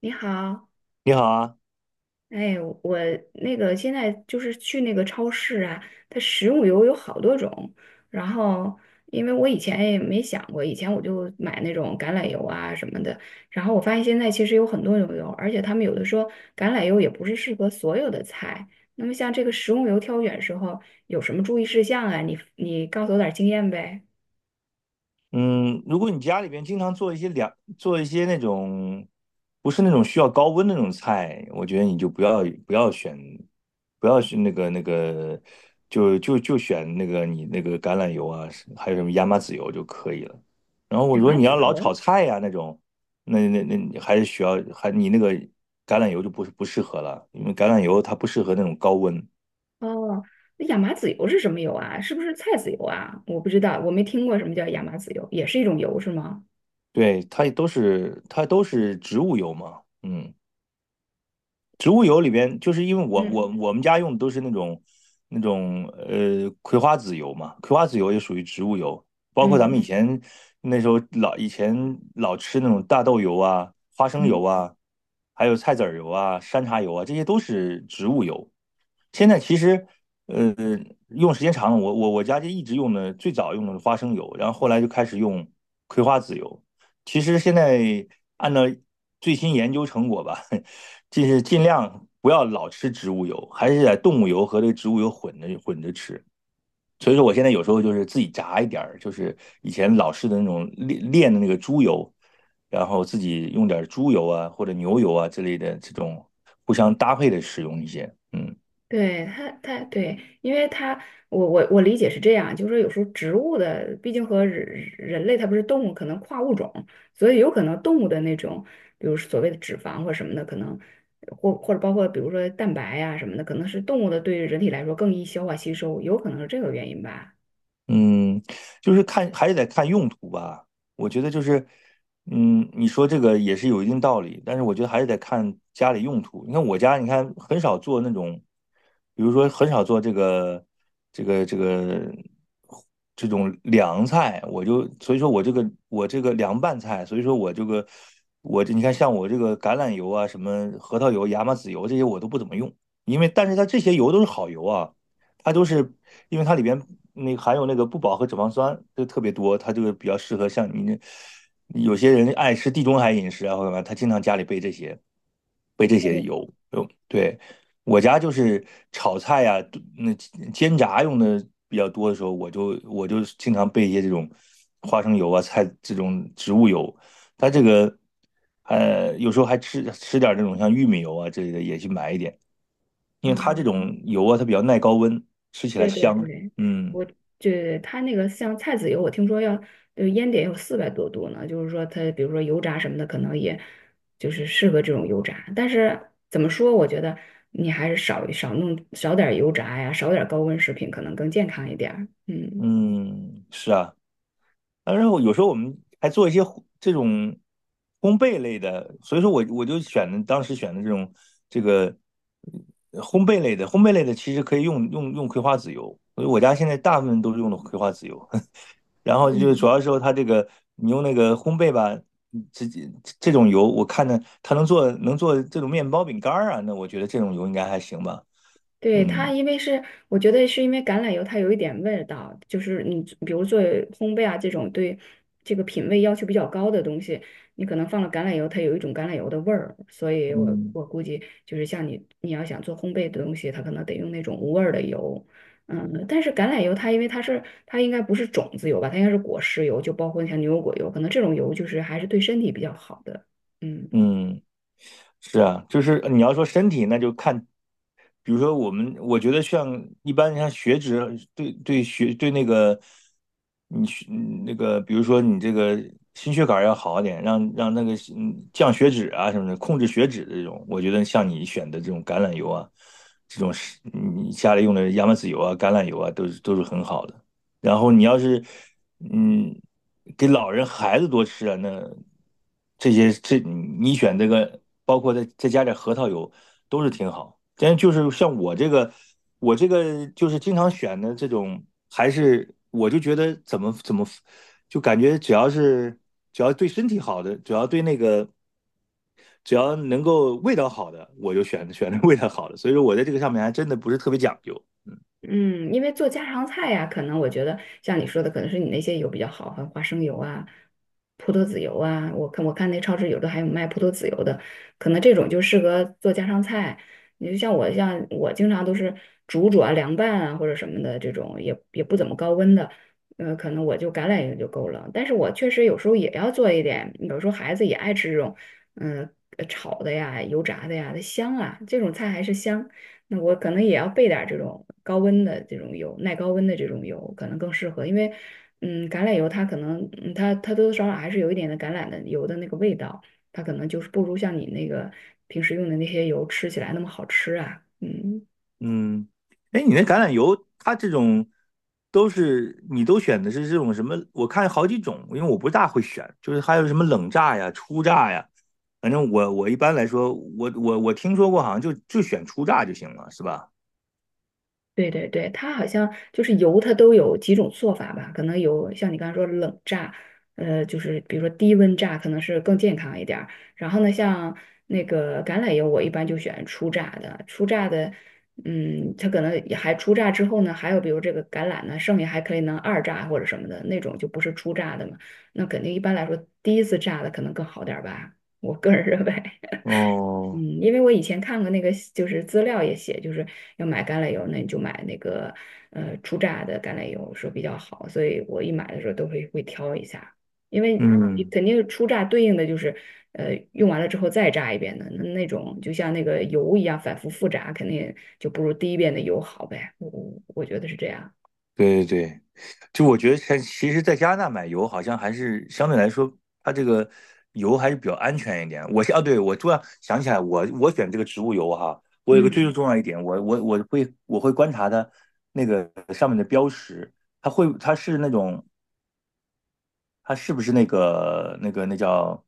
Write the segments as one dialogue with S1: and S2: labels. S1: 你好，
S2: 你好啊，
S1: 哎，我现在就是去那个超市啊，它食用油有好多种。然后，因为我以前也没想过，以前我就买那种橄榄油啊什么的。然后我发现现在其实有很多种油，而且他们有的说橄榄油也不是适合所有的菜。那么像这个食用油挑选时候有什么注意事项啊？你告诉我点儿经验呗。
S2: 嗯，如果你家里边经常做一些凉，做一些那种不是那种需要高温的那种菜，我觉得你就不要选，不要选那个那个，就选那个你那个橄榄油啊，是还有什么亚麻籽油就可以了。然后我
S1: 亚
S2: 说
S1: 麻
S2: 你
S1: 籽
S2: 要老炒
S1: 油。
S2: 菜呀、那种，那你还是需要还你那个橄榄油就不适合了，因为橄榄油它不适合那种高温，
S1: 哦，那亚麻籽油是什么油啊？是不是菜籽油啊？我不知道，我没听过什么叫亚麻籽油，也是一种油是吗？
S2: 对，它都是植物油嘛，嗯。植物油里边，就是因为
S1: 嗯
S2: 我们家用的都是那种葵花籽油嘛，葵花籽油也属于植物油，包括咱们以
S1: 嗯
S2: 前那时候老以前老吃那种大豆油啊、花生油
S1: 嗯，
S2: 啊，还有菜籽儿油啊、山茶油啊，这些都是植物油。现在其实呃用时间长了，我家就一直用的最早用的是花生油，然后后来就开始用葵花籽油。其实现在按照最新研究成果吧，就是尽量不要老吃植物油，还是在动物油和这个植物油混着混着吃。所以说，我现在有时候就是自己炸一点就是以前老式的那种炼炼的那个猪油，然后自己用点猪油啊或者牛油啊之类的这种互相搭配的使用一些，嗯。
S1: 对，它对，因为它我理解是这样，就是说有时候植物的，毕竟和人类它不是动物，可能跨物种，所以有可能动物的那种，比如所谓的脂肪或什么的，可能或者包括比如说蛋白呀什么的，可能是动物的对人体来说更易消化吸收，有可能是这个原因吧。
S2: 嗯，就是看还是得看用途吧。我觉得就是，你说这个也是有一定道理，但是我觉得还是得看家里用途。你看我家，你看很少做那种，比如说很少做这个这个这种凉菜，我就所以说我这个凉拌菜，所以说我这个我这你看像我这个橄榄油啊，什么核桃油、亚麻籽油这些我都不怎么用，但是它这些油都是好油啊。它都是因为它里边那个含有那个不饱和脂肪酸就特别多，它这个比较适合像你那有些人爱吃地中海饮食啊或者什么，他经常家里备这些
S1: 对，
S2: 油。有对我家就是炒菜呀、那煎炸用的比较多的时候，我就经常备一些这种花生油啊、菜这种植物油。它这个有时候还吃吃点这种像玉米油啊之类的，也去买一点。因为它这
S1: 嗯，
S2: 种油啊，它比较耐高温，吃起来
S1: 对对
S2: 香。
S1: 对，
S2: 嗯
S1: 我它那个像菜籽油，我听说要烟点有四百多度呢，就是说它比如说油炸什么的，可能也就是适合这种油炸。但是怎么说，我觉得你还是少点儿油炸呀，少点儿高温食品，可能更健康一点儿。嗯
S2: 嗯，是啊。当然我有时候我们还做一些这种烘焙类的，所以说我就选的当时选的这种这个烘焙类的，烘焙类的其实可以用葵花籽油，所以我家现在大部分都是用的葵花籽油。然后就是主
S1: 嗯。
S2: 要时候它这个你用那个烘焙吧，直接这种油，我看着它能做这种面包饼干儿啊，那我觉得这种油应该还行吧。
S1: 对，它，
S2: 嗯。
S1: 因为是我觉得是因为橄榄油它有一点味道，就是你比如做烘焙啊这种对这个品味要求比较高的东西，你可能放了橄榄油，它有一种橄榄油的味儿，所以我
S2: 嗯
S1: 我估计就是像你要想做烘焙的东西，它可能得用那种无味儿的油，嗯，但是橄榄油它因为它应该不是种子油吧，它应该是果实油，就包括像牛油果油，可能这种油就是还是对身体比较好的，嗯。
S2: 嗯，是啊，就是你要说身体，那就看，比如说我们，我觉得像一般像血脂对对血对那个你血那个，比如说你这个心血管要好一点，让那个降血脂啊什么的，控制血脂的这种，我觉得像你选的这种橄榄油啊，这种是你家里用的亚麻籽油啊、橄榄油啊，都是很好的。然后你要是嗯给老人孩子多吃啊，那这些这你选这个，包括再加点核桃油，都是挺好。但就是像我这个就是经常选的这种，还是我就觉得怎么，就感觉只要对身体好的，只要对那个。只要能够味道好的，我就选那味道好的。所以说我在这个上面还真的不是特别讲究。
S1: 嗯，因为做家常菜呀、可能我觉得像你说的，可能是你那些油比较好，像花生油啊、葡萄籽油啊。我看那超市有的还有卖葡萄籽油的，可能这种就适合做家常菜。你就像我，像我经常都是煮啊、凉拌啊或者什么的这种，也不怎么高温的，可能我就橄榄油就够了。但是我确实有时候也要做一点，有时候孩子也爱吃这种，嗯、炒的呀、油炸的呀，它香啊，这种菜还是香。那我可能也要备点儿这种高温的这种油，耐高温的这种油可能更适合，因为嗯，橄榄油它可能嗯它它多多少少还是有一点的橄榄的油的那个味道，它可能就是不如像你那个平时用的那些油吃起来那么好吃啊，嗯。
S2: 嗯，哎，你那橄榄油，它这种都是你都选的是这种什么？我看好几种，因为我不大会选，就是还有什么冷榨呀、初榨呀，反正我一般来说，我听说过，好像就选初榨就行了，是吧？
S1: 对对对，它好像就是油，它都有几种做法吧？可能有像你刚才说冷榨，就是比如说低温榨，可能是更健康一点儿。然后呢，像那个橄榄油，我一般就选初榨的。初榨的，嗯，它可能也还初榨之后呢，还有比如这个橄榄呢，剩下还可以能二榨或者什么的那种，就不是初榨的嘛。那肯定一般来说，第一次榨的可能更好点儿吧，我个人 认为。嗯，
S2: 哦，
S1: 因为我以前看过那个，就是资料也写，就是要买橄榄油，那你就买那个初榨的橄榄油说比较好，所以我一买的时候都会挑一下，因为你
S2: 嗯
S1: 肯定初榨对应的就是用完了之后再榨一遍的，那那种就像那个油一样反复复榨，肯定就不如第一遍的油好呗，我觉得是这样。
S2: 对对对，就我觉得像，其实在加拿大买油好像还是相对来说，它这个油还是比较安全一点。我是啊，对，我突然想起来我选这个植物油哈，我有个最
S1: 嗯
S2: 重要一点，我会观察它那个上面的标识，它是那种它是不是那叫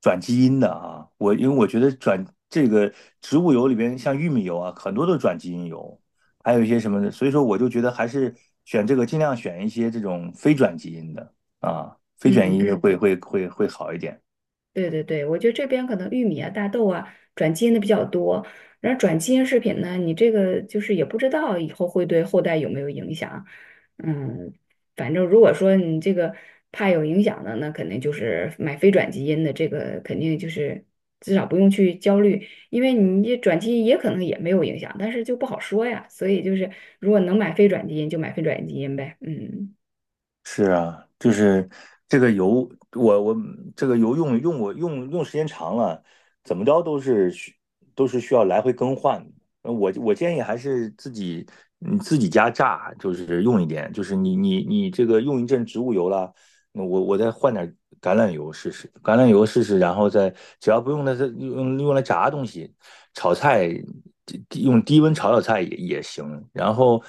S2: 转基因的啊？因为我觉得这个植物油里边，像玉米油啊，很多都是转基因油，还有一些什么的，所以说我就觉得还是选这个，尽量选一些这种非转基因的啊，非转基因
S1: 嗯。
S2: 会好一点。
S1: 对对对，我觉得这边可能玉米啊、大豆啊转基因的比较多，然后转基因食品呢，你这个就是也不知道以后会对后代有没有影响。嗯，反正如果说你这个怕有影响的，那肯定就是买非转基因的，这个肯定就是至少不用去焦虑，因为你这转基因也可能也没有影响，但是就不好说呀。所以就是如果能买非转基因就买非转基因呗，嗯。
S2: 是啊，就是这个油，我这个油我用时间长了，怎么着都是需要来回更换的我建议还是自己你自己家榨，就是用一点，就是你这个用一阵植物油了，那我再换点橄榄油试试，然后再只要不用它用来炸东西，炒菜用低温炒菜也行。然后，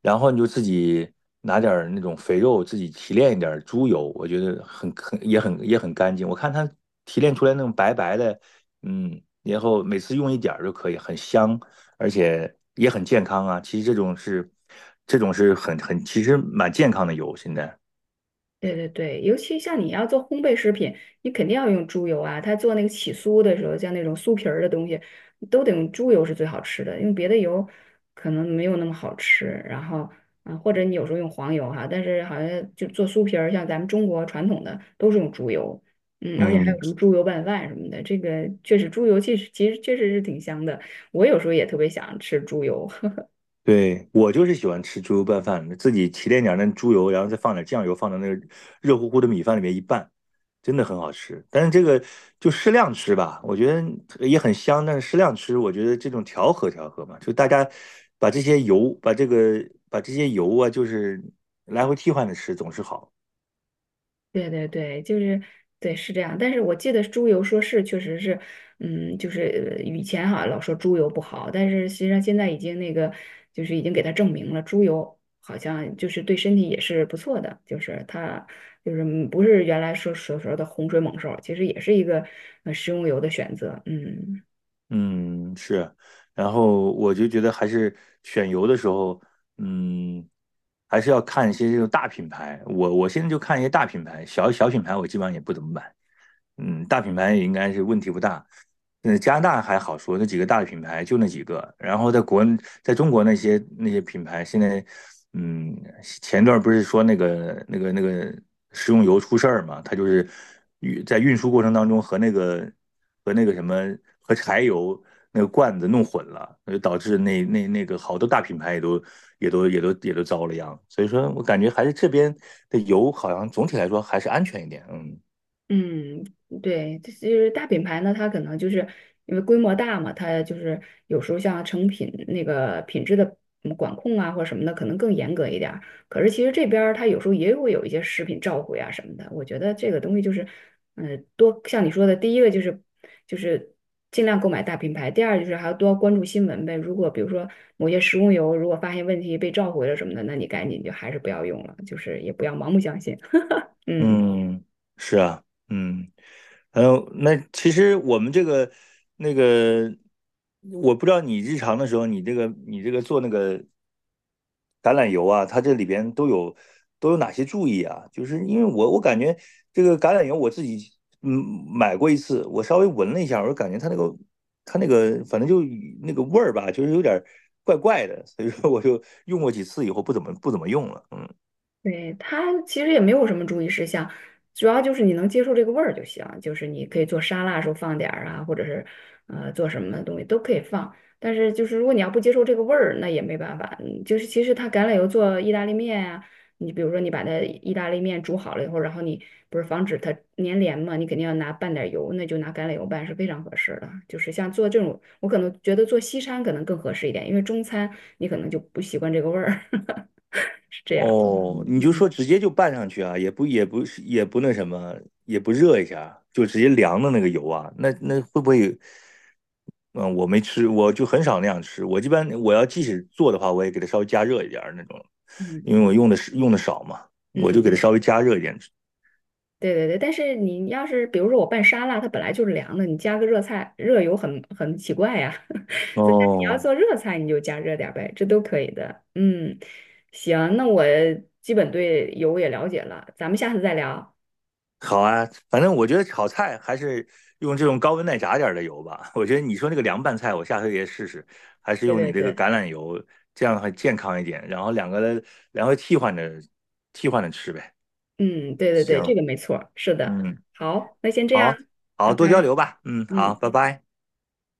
S2: 你就自己拿点儿那种肥肉，自己提炼一点儿猪油，我觉得很干净。我看它提炼出来那种白白的，然后每次用一点儿就可以，很香，而且也很健康啊。其实这种是其实蛮健康的油，现在
S1: 对对对，尤其像你要做烘焙食品，你肯定要用猪油啊。他做那个起酥的时候，像那种酥皮儿的东西，都得用猪油是最好吃的，用别的油可能没有那么好吃。然后啊，或者你有时候用黄油哈，但是好像就做酥皮儿，像咱们中国传统的都是用猪油，嗯，而且还有
S2: 嗯。
S1: 什么猪油拌饭什么的，这个确实猪油其实确实是挺香的。我有时候也特别想吃猪油。
S2: 对，我就是喜欢吃猪油拌饭，自己提炼点那猪油，然后再放点酱油，放到那个热乎乎的米饭里面一拌，真的很好吃。但是这个就适量吃吧，我觉得也很香，但是适量吃，我觉得这种调和调和嘛，就大家把这些油，把这些油啊，就是来回替换着吃，总是好。
S1: 对对对，就是对是这样，但是我记得猪油说是确实是，嗯，就是以前哈老说猪油不好，但是实际上现在已经那个就是已经给它证明了，猪油好像就是对身体也是不错的，就是它就是嗯不是原来说所说的洪水猛兽，其实也是一个食用油的选择，嗯。
S2: 嗯，是，然后我就觉得还是选油的时候，嗯，还是要看一些这种大品牌。我现在就看一些大品牌，小品牌我基本上也不怎么买。嗯，大品牌也应该是问题不大。那加拿大还好说，那几个大的品牌就那几个。然后在中国那些品牌，现在，嗯，前段不是说那个食用油出事儿嘛？它就是在运输过程当中和那个什么和柴油那个罐子弄混了，那就导致那个好多大品牌也都遭了殃。所以说我感觉还是这边的油好像总体来说还是安全一点，嗯。
S1: 嗯，对，这就是大品牌呢，它可能就是因为规模大嘛，它就是有时候像成品那个品质的嗯管控啊或者什么的，可能更严格一点儿。可是其实这边儿它有时候也会有一些食品召回啊什么的。我觉得这个东西就是，嗯、多像你说的，第一个就是尽量购买大品牌，第二就是还要多关注新闻呗。如果比如说某些食用油如果发现问题被召回了什么的，那你赶紧就还是不要用了，就是也不要盲目相信。嗯。
S2: 嗯，是啊，嗯，还有那其实我们这个那个，我不知道你日常的时候，你这个做那个橄榄油啊，它这里边都有哪些注意啊？就是因为我感觉这个橄榄油我自己嗯买过一次，我稍微闻了一下，我就感觉它那个反正就那个味儿吧，就是有点儿怪怪的，所以说我就用过几次以后不怎么用了，嗯。
S1: 对，它其实也没有什么注意事项，主要就是你能接受这个味儿就行。就是你可以做沙拉的时候放点儿啊，或者是做什么东西都可以放。但是就是如果你要不接受这个味儿，那也没办法。嗯就是其实它橄榄油做意大利面啊，你比如说你把它意大利面煮好了以后，然后你不是防止它粘连嘛，你肯定要拿拌点儿油，那就拿橄榄油拌是非常合适的。就是像做这种，我可能觉得做西餐可能更合适一点，因为中餐你可能就不习惯这个味儿，是这样。嗯
S2: 哦，你就
S1: 嗯，
S2: 说直接就拌上去啊，也不是也不那什么，也不热一下，就直接凉的那个油啊，那会不会？嗯，我没吃，我就很少那样吃。我一般我要即使做的话，我也给它稍微加热一点儿那种，因为
S1: 嗯
S2: 我用的少嘛，我就给它
S1: 嗯，
S2: 稍微加热一点。
S1: 对对对，但是你要是比如说我拌沙拉，它本来就是凉的，你加个热菜，热油很奇怪呀。所以你要
S2: 哦，
S1: 做热菜，你就加热点儿呗，这都可以的。嗯，行，那我基本对油也了解了，咱们下次再聊。
S2: 好啊，反正我觉得炒菜还是用这种高温耐炸点儿的油吧。我觉得你说那个凉拌菜，我下回也试试，还是
S1: 对
S2: 用
S1: 对
S2: 你这个
S1: 对，
S2: 橄榄油，这样的话健康一点。然后两个，然后替换着吃呗。
S1: 嗯，对对对，
S2: 行，
S1: 这个没错儿，是的。
S2: 嗯，
S1: 好，那先这样，
S2: 好，好，
S1: 拜
S2: 多交
S1: 拜。
S2: 流吧。嗯，好，
S1: 嗯。
S2: 拜拜。